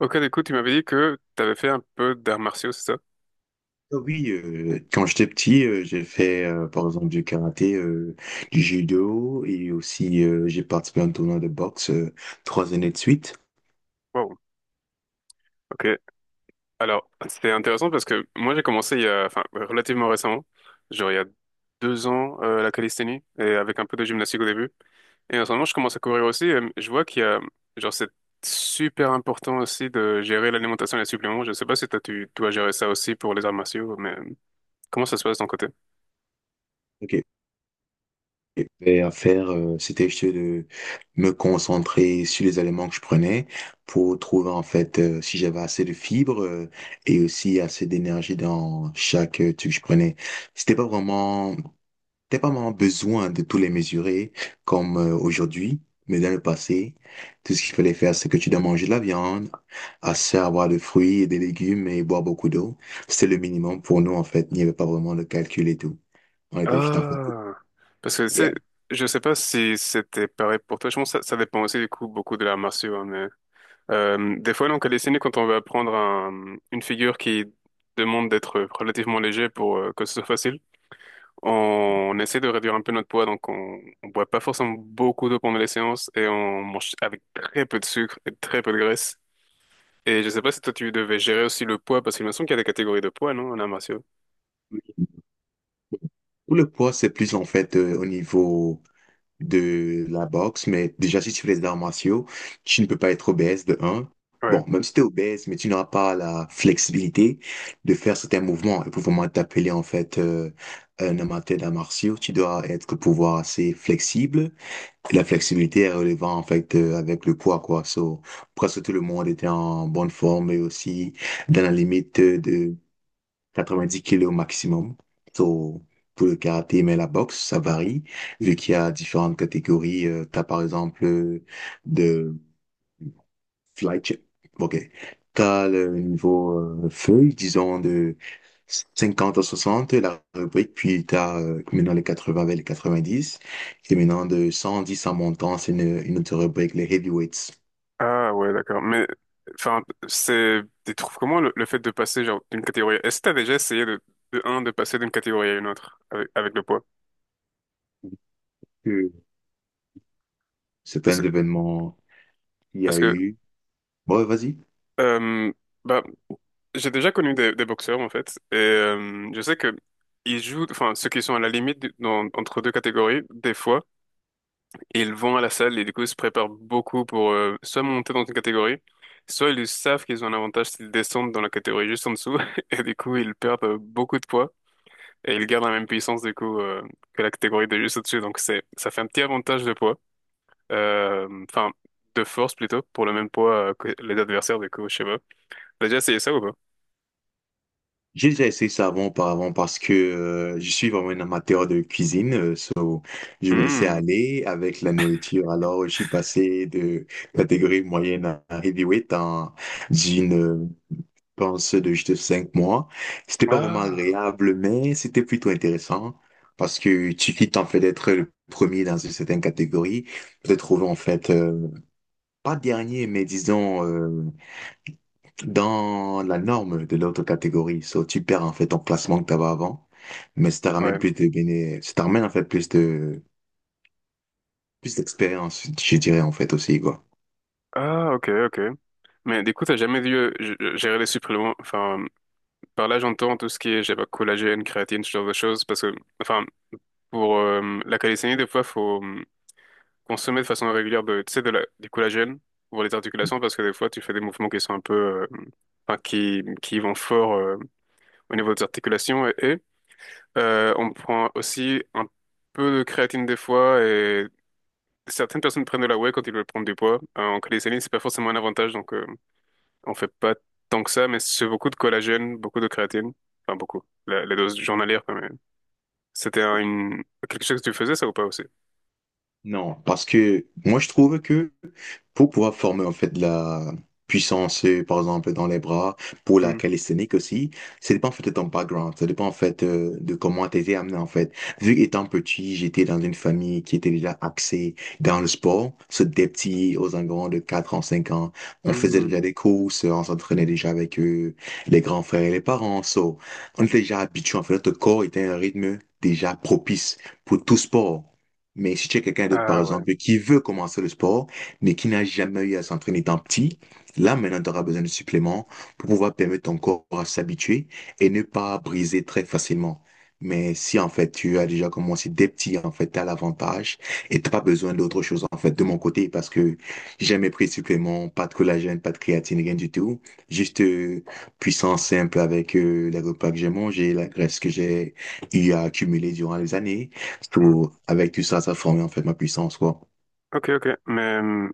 Ok, du coup, tu m'avais dit que tu avais fait un peu d'arts martiaux, c'est ça? Oui, quand j'étais petit, j'ai fait par exemple du karaté, du judo et aussi j'ai participé à un tournoi de boxe 3 années de suite. Wow, ok. Alors, c'est intéressant parce que moi j'ai commencé il y a, enfin, relativement récemment, genre il y a 2 ans, la calisthénie, et avec un peu de gymnastique au début. Et en ce moment, je commence à courir aussi. Et je vois qu'il y a, genre, c'est super important aussi de gérer l'alimentation et les suppléments. Je sais pas si toi, tu dois gérer ça aussi pour les arts martiaux, mais comment ça se passe de ton côté? Ok. Et à faire, c'était juste de me concentrer sur les aliments que je prenais pour trouver en fait si j'avais assez de fibres et aussi assez d'énergie dans chaque truc que je prenais. C'était pas vraiment t'es pas vraiment besoin de tous les mesurer comme aujourd'hui, mais dans le passé, tout ce qu'il fallait faire, c'est que tu dois manger de la viande, assez avoir de fruits et des légumes et boire beaucoup d'eau. C'était le minimum pour nous, en fait. Il n'y avait pas vraiment de calcul et tout. On était juste en fait. Ah, parce que c'est, Yeah. je sais pas si c'était pareil pour toi. Je pense que ça dépend aussi du coup beaucoup de l'art martiaux, hein, mais des fois donc à dessiner quand on veut apprendre une figure qui demande d'être relativement léger pour que ce soit facile, on, essaie de réduire un peu notre poids, donc on boit pas forcément beaucoup d'eau pendant les séances et on mange avec très peu de sucre et très peu de graisse. Et je sais pas si toi tu devais gérer aussi le poids parce qu'il me semble qu'il y a des catégories de poids, non, en arts martiaux. Pour le poids, c'est plus en fait au niveau de la boxe, mais déjà, si tu fais les arts martiaux, tu ne peux pas être obèse de un. Ouais. Bon, même si tu es obèse, mais tu n'auras pas la flexibilité de faire certains mouvements. Et pour vraiment t'appeler, en fait, un amateur d'arts martiaux, tu dois être pouvoir assez flexible. Et la flexibilité est relevant, en fait, avec le poids, quoi. So, presque tout le monde était en bonne forme et aussi dans la limite de 90 kilos au maximum. So, pour le karaté, mais la boxe, ça varie, vu qu'il y a différentes catégories. T'as par exemple de fly chip. OK. T'as le niveau feuille, disons de 50 à 60 la rubrique, puis t'as maintenant les 80 avec les 90. Et maintenant de 110 en montant, c'est une autre rubrique, les heavyweights. Ah ouais, d'accord. Mais enfin, c'est, tu trouves comment le fait de passer genre d'une catégorie. Est-ce que t'as déjà essayé de un de passer d'une catégorie à une autre avec, avec le poids? Euh, C'est Parce un que événement qu'il y parce a que eu. Bon, vas-y. euh, bah j'ai déjà connu des boxeurs en fait et je sais que ils jouent, enfin ceux qui sont à la limite entre deux catégories, des fois ils vont à la salle et du coup ils se préparent beaucoup pour soit monter dans une catégorie, soit ils savent qu'ils ont un avantage s'ils descendent dans la catégorie juste en dessous et du coup ils perdent beaucoup de poids. Et il garde la même puissance du coup que la catégorie de juste au-dessus. Donc c'est ça fait un petit avantage de poids, enfin de force plutôt pour le même poids que les adversaires du coup. Je sais pas. T'as déjà essayé ça ou pas? J'ai déjà essayé ça avant, auparavant, parce que je suis vraiment un amateur de cuisine. So, je me laissais Hmm. aller avec la nourriture. Alors, je suis passé de catégorie moyenne à heavyweight en d'une, pense, de juste 5 mois. C'était pas vraiment Ah agréable, mais c'était plutôt intéressant parce que tu quittes en fait d'être le premier dans une certaine catégorie, peut-être trouver en fait, pas dernier, mais disons, dans la norme de l'autre catégorie. So, tu perds en fait ton classement que tu avais avant, mais ouais. Ça te ramène en fait plus d'expérience, je dirais en fait aussi quoi. Ah, ok, ok. Mais du coup t'as jamais dû gérer les suppléments. Enfin par là j'entends tout ce qui est je sais pas collagène, créatine, ce genre de choses parce que enfin pour la calisthénie des fois faut consommer de façon régulière de, tu sais, de la, du collagène pour les articulations parce que des fois tu fais des mouvements qui sont un peu, enfin, qui vont fort au niveau des articulations et on prend aussi un peu de créatine des fois et certaines personnes prennent de la whey quand ils veulent prendre du poids. En calisthenics, c'est pas forcément un avantage donc on fait pas tant que ça mais c'est beaucoup de collagène, beaucoup de créatine, enfin beaucoup, la dose journalière quand même. C'était une... quelque chose que tu faisais ça ou pas aussi? Non, parce que moi je trouve que pour pouvoir former en fait de la puissance, par exemple dans les bras, pour la Hmm. calisthénique aussi, ça dépend en fait de ton background, ça dépend en fait de comment t'as été amené en fait. Vu qu'étant petit, j'étais dans une famille qui était déjà axée dans le sport, c'est des petits aux environs de 4 ans, 5 ans, on faisait déjà Hmm. des courses, on s'entraînait déjà avec eux, les grands frères et les parents, so, on était déjà habitués en fait, notre corps était à un rythme déjà propice pour tout sport. Mais si tu es quelqu'un d'autre, par Ah ouais. exemple, qui veut commencer le sport, mais qui n'a jamais eu à s'entraîner tant petit, là, maintenant, tu auras besoin de suppléments pour pouvoir permettre ton corps à s'habituer et ne pas briser très facilement. Mais si, en fait, tu as déjà commencé dès petit, en fait, tu as l'avantage et t'as pas besoin d'autre chose, en fait, de mon côté, parce que j'ai jamais pris de suppléments, pas de collagène, pas de créatine, rien du tout. Juste puissance simple avec les repas que j'ai mangés, la graisse que j'ai eu à accumuler durant les années. Mmh. Tout, avec tout ça, ça a formé en fait ma puissance, quoi. Ok, ok. Mais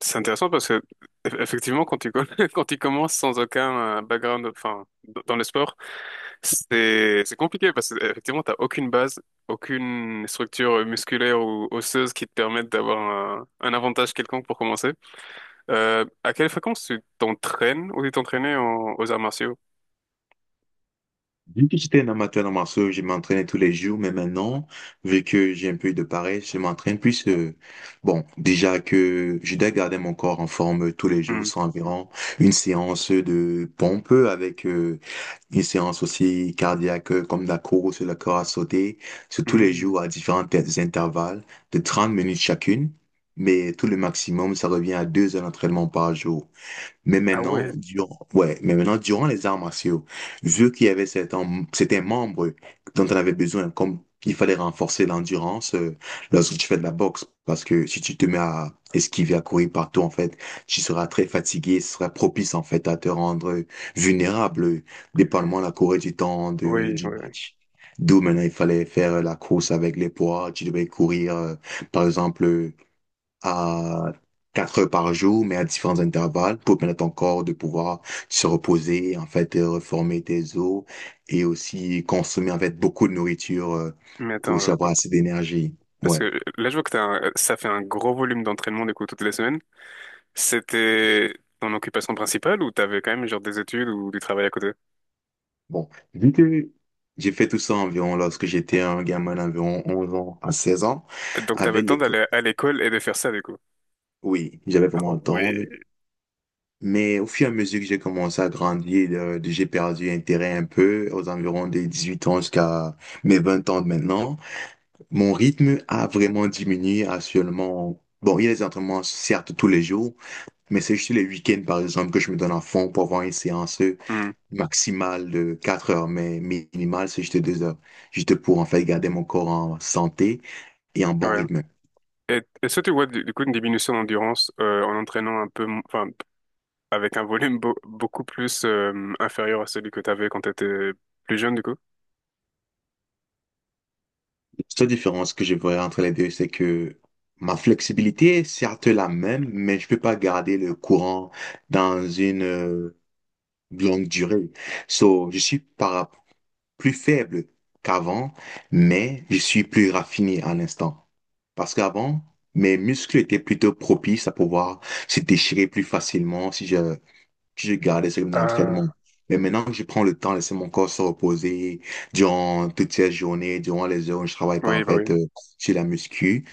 c'est intéressant parce que effectivement, quand tu, quand tu commences sans aucun background, enfin, dans le sport, c'est compliqué parce que effectivement, t'as aucune base, aucune structure musculaire ou osseuse qui te permette d'avoir un avantage quelconque pour commencer. À quelle fréquence tu t'entraînes ou tu t'entraînais aux arts martiaux? Vu que j'étais un amateur de martiaux, je m'entraînais tous les jours, mais maintenant, vu que j'ai un peu de paresse, je m'entraîne plus. Bon, déjà que je dois garder mon corps en forme tous les jours, Hmm. c'est environ une séance de pompe avec une séance aussi cardiaque comme de la course, le corps à sauter, c'est tous les Hmm. jours à différents intervalles de 30 minutes chacune, mais tout le maximum, ça revient à 2 heures d'entraînement par jour. Ah ouais, Ouais, mais maintenant, durant les arts martiaux, vu qu'il y avait certains membres dont on avait besoin, comme il fallait renforcer l'endurance lorsque tu fais de la boxe, parce que si tu te mets à esquiver, à courir partout, en fait, tu seras très fatigué, ce sera propice, en fait, à te rendre vulnérable, dépendamment de la courée du temps de, oui, oui. du Oui. match. D'où maintenant, il fallait faire la course avec les poids, tu devais courir, par exemple, à 4 heures par jour, mais à différents intervalles pour permettre à ton corps de pouvoir se reposer, en fait, et reformer tes os et aussi consommer, en fait, beaucoup de nourriture Mais pour attends, aussi avoir attends. assez d'énergie. Parce Ouais. que là, je vois que ça fait un gros volume d'entraînement du coup toutes les semaines. C'était ton occupation principale ou t'avais quand même genre des études ou du travail à côté? Bon. Vu que j'ai fait tout ça environ lorsque j'étais un gamin d'environ 11 ans à 16 ans, Donc t'avais le avec temps l'école. d'aller à l'école et de faire ça du coup. Oui, j'avais Ah vraiment le temps, hein. ouais. Mais au fur et à mesure que j'ai commencé à grandir, j'ai perdu intérêt un peu aux environs des 18 ans jusqu'à mes 20 ans de maintenant. Mon rythme a vraiment diminué à seulement. Bon, il y a des entraînements, certes, tous les jours, mais c'est juste les week-ends, par exemple, que je me donne à fond pour avoir une séance Hmm, maximale de 4 heures, mais minimale, c'est juste 2 heures. Juste pour, en fait, garder mon corps en santé et en bon ouais. rythme. Et est-ce que tu vois du coup une diminution d'endurance en entraînant un peu, enfin avec un volume beaucoup plus inférieur à celui que t'avais quand t'étais plus jeune du coup? La seule différence que je vois entre les deux, c'est que ma flexibilité est certes la même, mais je peux pas garder le courant dans une longue durée. So, je suis par plus faible qu'avant, mais je suis plus raffiné à l'instant. Parce qu'avant, mes muscles étaient plutôt propices à pouvoir se déchirer plus facilement si je gardais ce rythme d'entraînement. Ah Mais maintenant que je prends le temps de laisser mon corps se reposer durant toutes ces journées, durant les heures où je travaille pas en oui bah oui fait sur la muscu,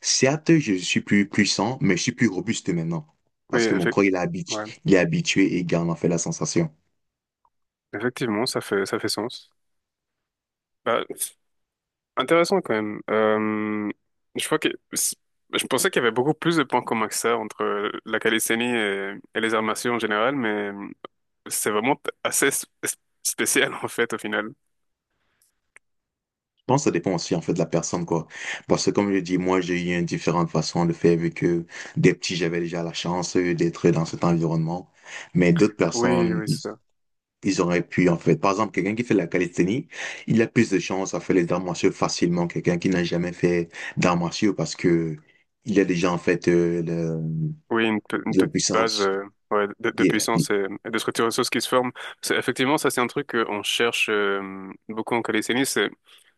certes, je suis plus puissant, mais je suis plus robuste maintenant. oui Parce que mon corps, ouais. il est habitué et il garde en fait la sensation. Effectivement ça fait sens. Bah, intéressant quand même. Je crois que je pensais qu'il y avait beaucoup plus de points communs que ça entre la calisthénie et les arts martiaux en général, mais c'est vraiment assez spécial en fait au final. Pense que ça dépend aussi en fait de la personne quoi. Parce que comme je dis, moi j'ai eu une différente façon de faire vu que des petits j'avais déjà la chance d'être dans cet environnement, mais d'autres Oui, personnes oui, ils c'est ça. ils auraient pu en fait. Par exemple, quelqu'un qui fait de la calisthénie, il a plus de chances à faire les arts martiaux facilement que quelqu'un qui n'a jamais fait d'arts martiaux parce que il a déjà en fait Oui, une, une de la petite base puissance. Ouais, de Yeah. puissance et de structure osseuse qui se forme. C'est- effectivement, ça c'est un truc qu'on cherche beaucoup en calisthénie, c'est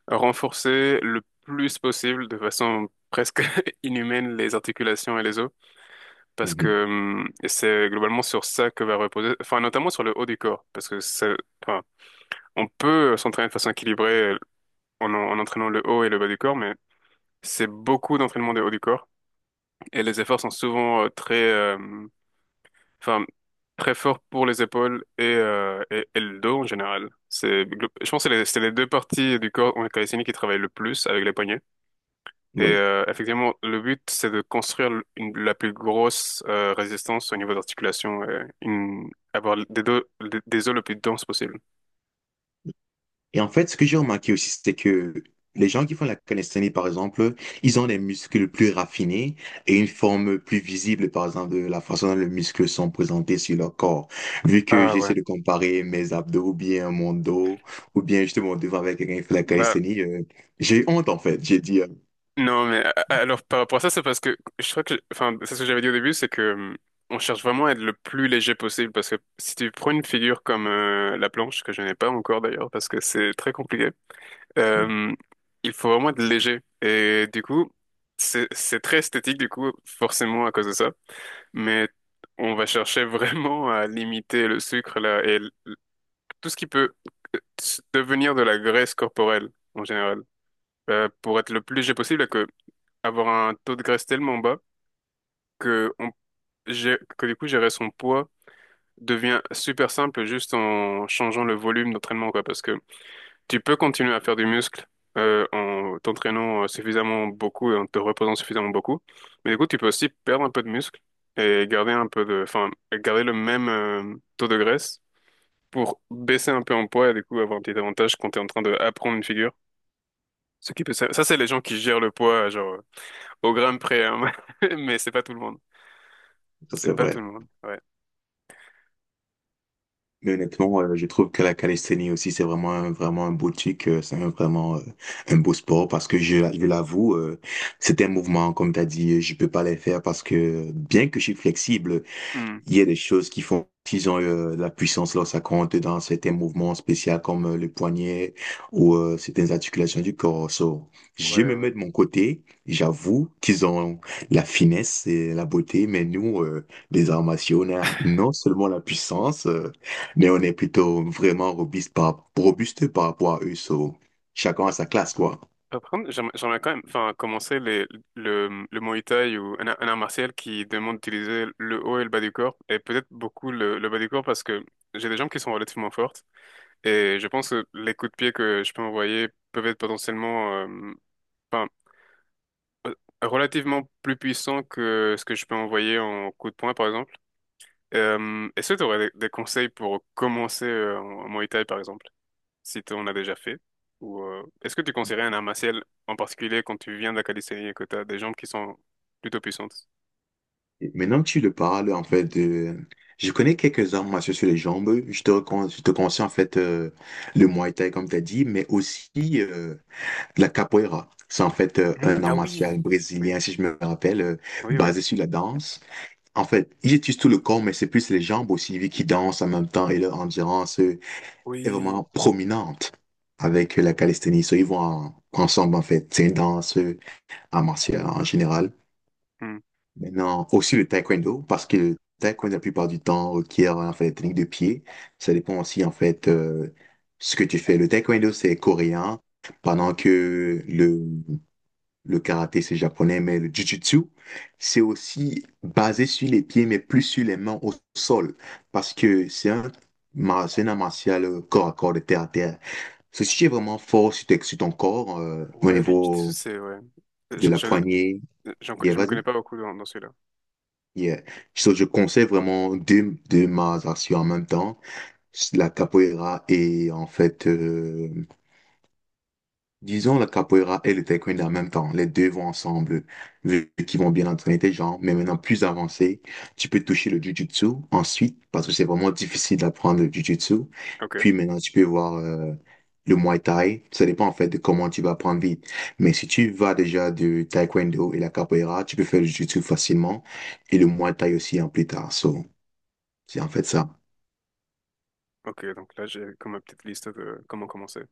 renforcer le plus possible de façon presque inhumaine les articulations et les os. Parce Mhm. que c'est globalement sur ça que va reposer, enfin notamment sur le haut du corps, parce que ça, enfin, on peut s'entraîner de façon équilibrée en, en entraînant le haut et le bas du corps, mais c'est beaucoup d'entraînement du haut du corps et les efforts sont souvent enfin très forts pour les épaules et et le dos en général. C'est, je pense que c'est les deux parties du corps en calisthénie qui travaillent le plus avec les poignets. Et Oui. Effectivement, le but, c'est de construire la plus grosse résistance au niveau d'articulation, avoir des, deux, des os le plus dense possible. Et en fait, ce que j'ai remarqué aussi, c'est que les gens qui font la calisthénie, par exemple, ils ont des muscles plus raffinés et une forme plus visible, par exemple, de la façon dont les muscles sont présentés sur leur corps. Vu que Ah ouais. j'essaie de comparer mes abdos ou bien mon dos, ou bien justement devant avec quelqu'un qui fait la Bah calisthénie, j'ai honte, en fait. J'ai dit, non mais alors par rapport à ça c'est parce que je crois que enfin c'est ce que j'avais dit au début c'est que on cherche vraiment à être le plus léger possible parce que si tu prends une figure comme la planche que je n'ai pas encore d'ailleurs parce que c'est très compliqué. Mhm. Euh, il faut vraiment être léger. Et du coup, c'est très esthétique, du coup, forcément à cause de ça. Mais on va chercher vraiment à limiter le sucre là, et tout ce qui peut devenir de la graisse corporelle en général. Pour être le plus léger possible et que avoir un taux de graisse tellement bas que, on, que du coup, gérer son poids devient super simple juste en changeant le volume d'entraînement, quoi. Parce que tu peux continuer à faire du muscle en t'entraînant suffisamment beaucoup et en te reposant suffisamment beaucoup. Mais du coup, tu peux aussi perdre un peu de muscle et garder un peu de, enfin, garder le même taux de graisse pour baisser un peu en poids et du coup avoir un petit avantage quand tu es en train d'apprendre une figure. Ce qui peut, ça c'est les gens qui gèrent le poids genre au gramme près, hein. Mais c'est pas tout le monde. Ça c'est C'est pas tout vrai. le monde. Ouais. Mais honnêtement, je trouve que la calisthénie aussi, c'est vraiment, vraiment un beau truc, c'est vraiment un beau sport parce que je l'avoue, c'est un mouvement, comme tu as dit, je peux pas les faire parce que bien que je suis flexible, Hmm. il y a des choses qui font qu'ils ont de la puissance lorsque ça compte dans certains mouvements spéciaux comme le poignet ou certaines articulations du corps. So, je Ouais, me ouais. mets de mon côté, j'avoue qu'ils ont la finesse et la beauté, mais nous, les arts martiaux, on a non seulement la puissance, mais on est plutôt vraiment robuste par rapport à eux. So, chacun à sa classe, quoi. Par contre, j'aimerais quand même enfin, commencer les, le Muay Thai ou un art martial qui demande d'utiliser le haut et le bas du corps, et peut-être beaucoup le bas du corps parce que j'ai des jambes qui sont relativement fortes, et je pense que les coups de pied que je peux envoyer peuvent être potentiellement enfin, euh, relativement plus puissants que ce que je peux envoyer en coup de poing, par exemple. Est-ce que tu aurais des conseils pour commencer en Muay Thai, par exemple? Si on a déjà fait. Ou est-ce que tu conseillerais un art martial en particulier quand tu viens de la calisthénie et que tu as des jambes qui sont plutôt puissantes? Maintenant que tu le parles, en fait, de je connais quelques arts martiaux sur les jambes. Je te conseille, en fait, le Muay Thai, comme tu as dit, mais aussi euh, la capoeira. C'est, en fait, Hmm, un art ah martial oui, oui, brésilien, si je me rappelle, oui, oui, basé sur la danse. En fait, ils utilisent tout le corps, mais c'est plus les jambes aussi, vu qu'ils dansent en même temps et leur endurance est oui. vraiment prominente avec la calisthénie. So, ils vont ensemble, en fait. C'est une danse, art martial en général. Hmm. Maintenant, aussi le taekwondo, parce que le taekwondo, la plupart du temps, requiert en fait des techniques de pied. Ça dépend aussi, en fait, ce que tu fais. Le taekwondo, c'est coréen, pendant que le karaté, c'est japonais, mais le jujutsu, c'est aussi basé sur les pieds, mais plus sur les mains au sol, parce que c'est un art martial corps à corps, de terre à terre. Ceci est vraiment fort sur ton corps, au Ouais, le jiu-jitsu, niveau c'est ouais. de Je, la je, poignée. j'en Et je me vas-y. connais pas beaucoup dans, dans celui-là. Yeah. So, je conseille vraiment deux arts martiaux en même temps, la capoeira et en fait, disons la capoeira et le taekwondo en même temps. Les deux vont ensemble, vu qu'ils vont bien entraîner tes jambes. Mais maintenant, plus avancé, tu peux toucher le jujutsu ensuite, parce que c'est vraiment difficile d'apprendre le jujutsu. Ok, Puis maintenant, tu peux voir le muay thai. Ça dépend en fait de comment tu vas apprendre vite. Mais si tu vas déjà du taekwondo et la capoeira, tu peux faire le jujutsu facilement et le muay thai aussi en plus tard. So, c'est en fait ça. ok, donc là j'ai comme ma petite liste de comment commencer.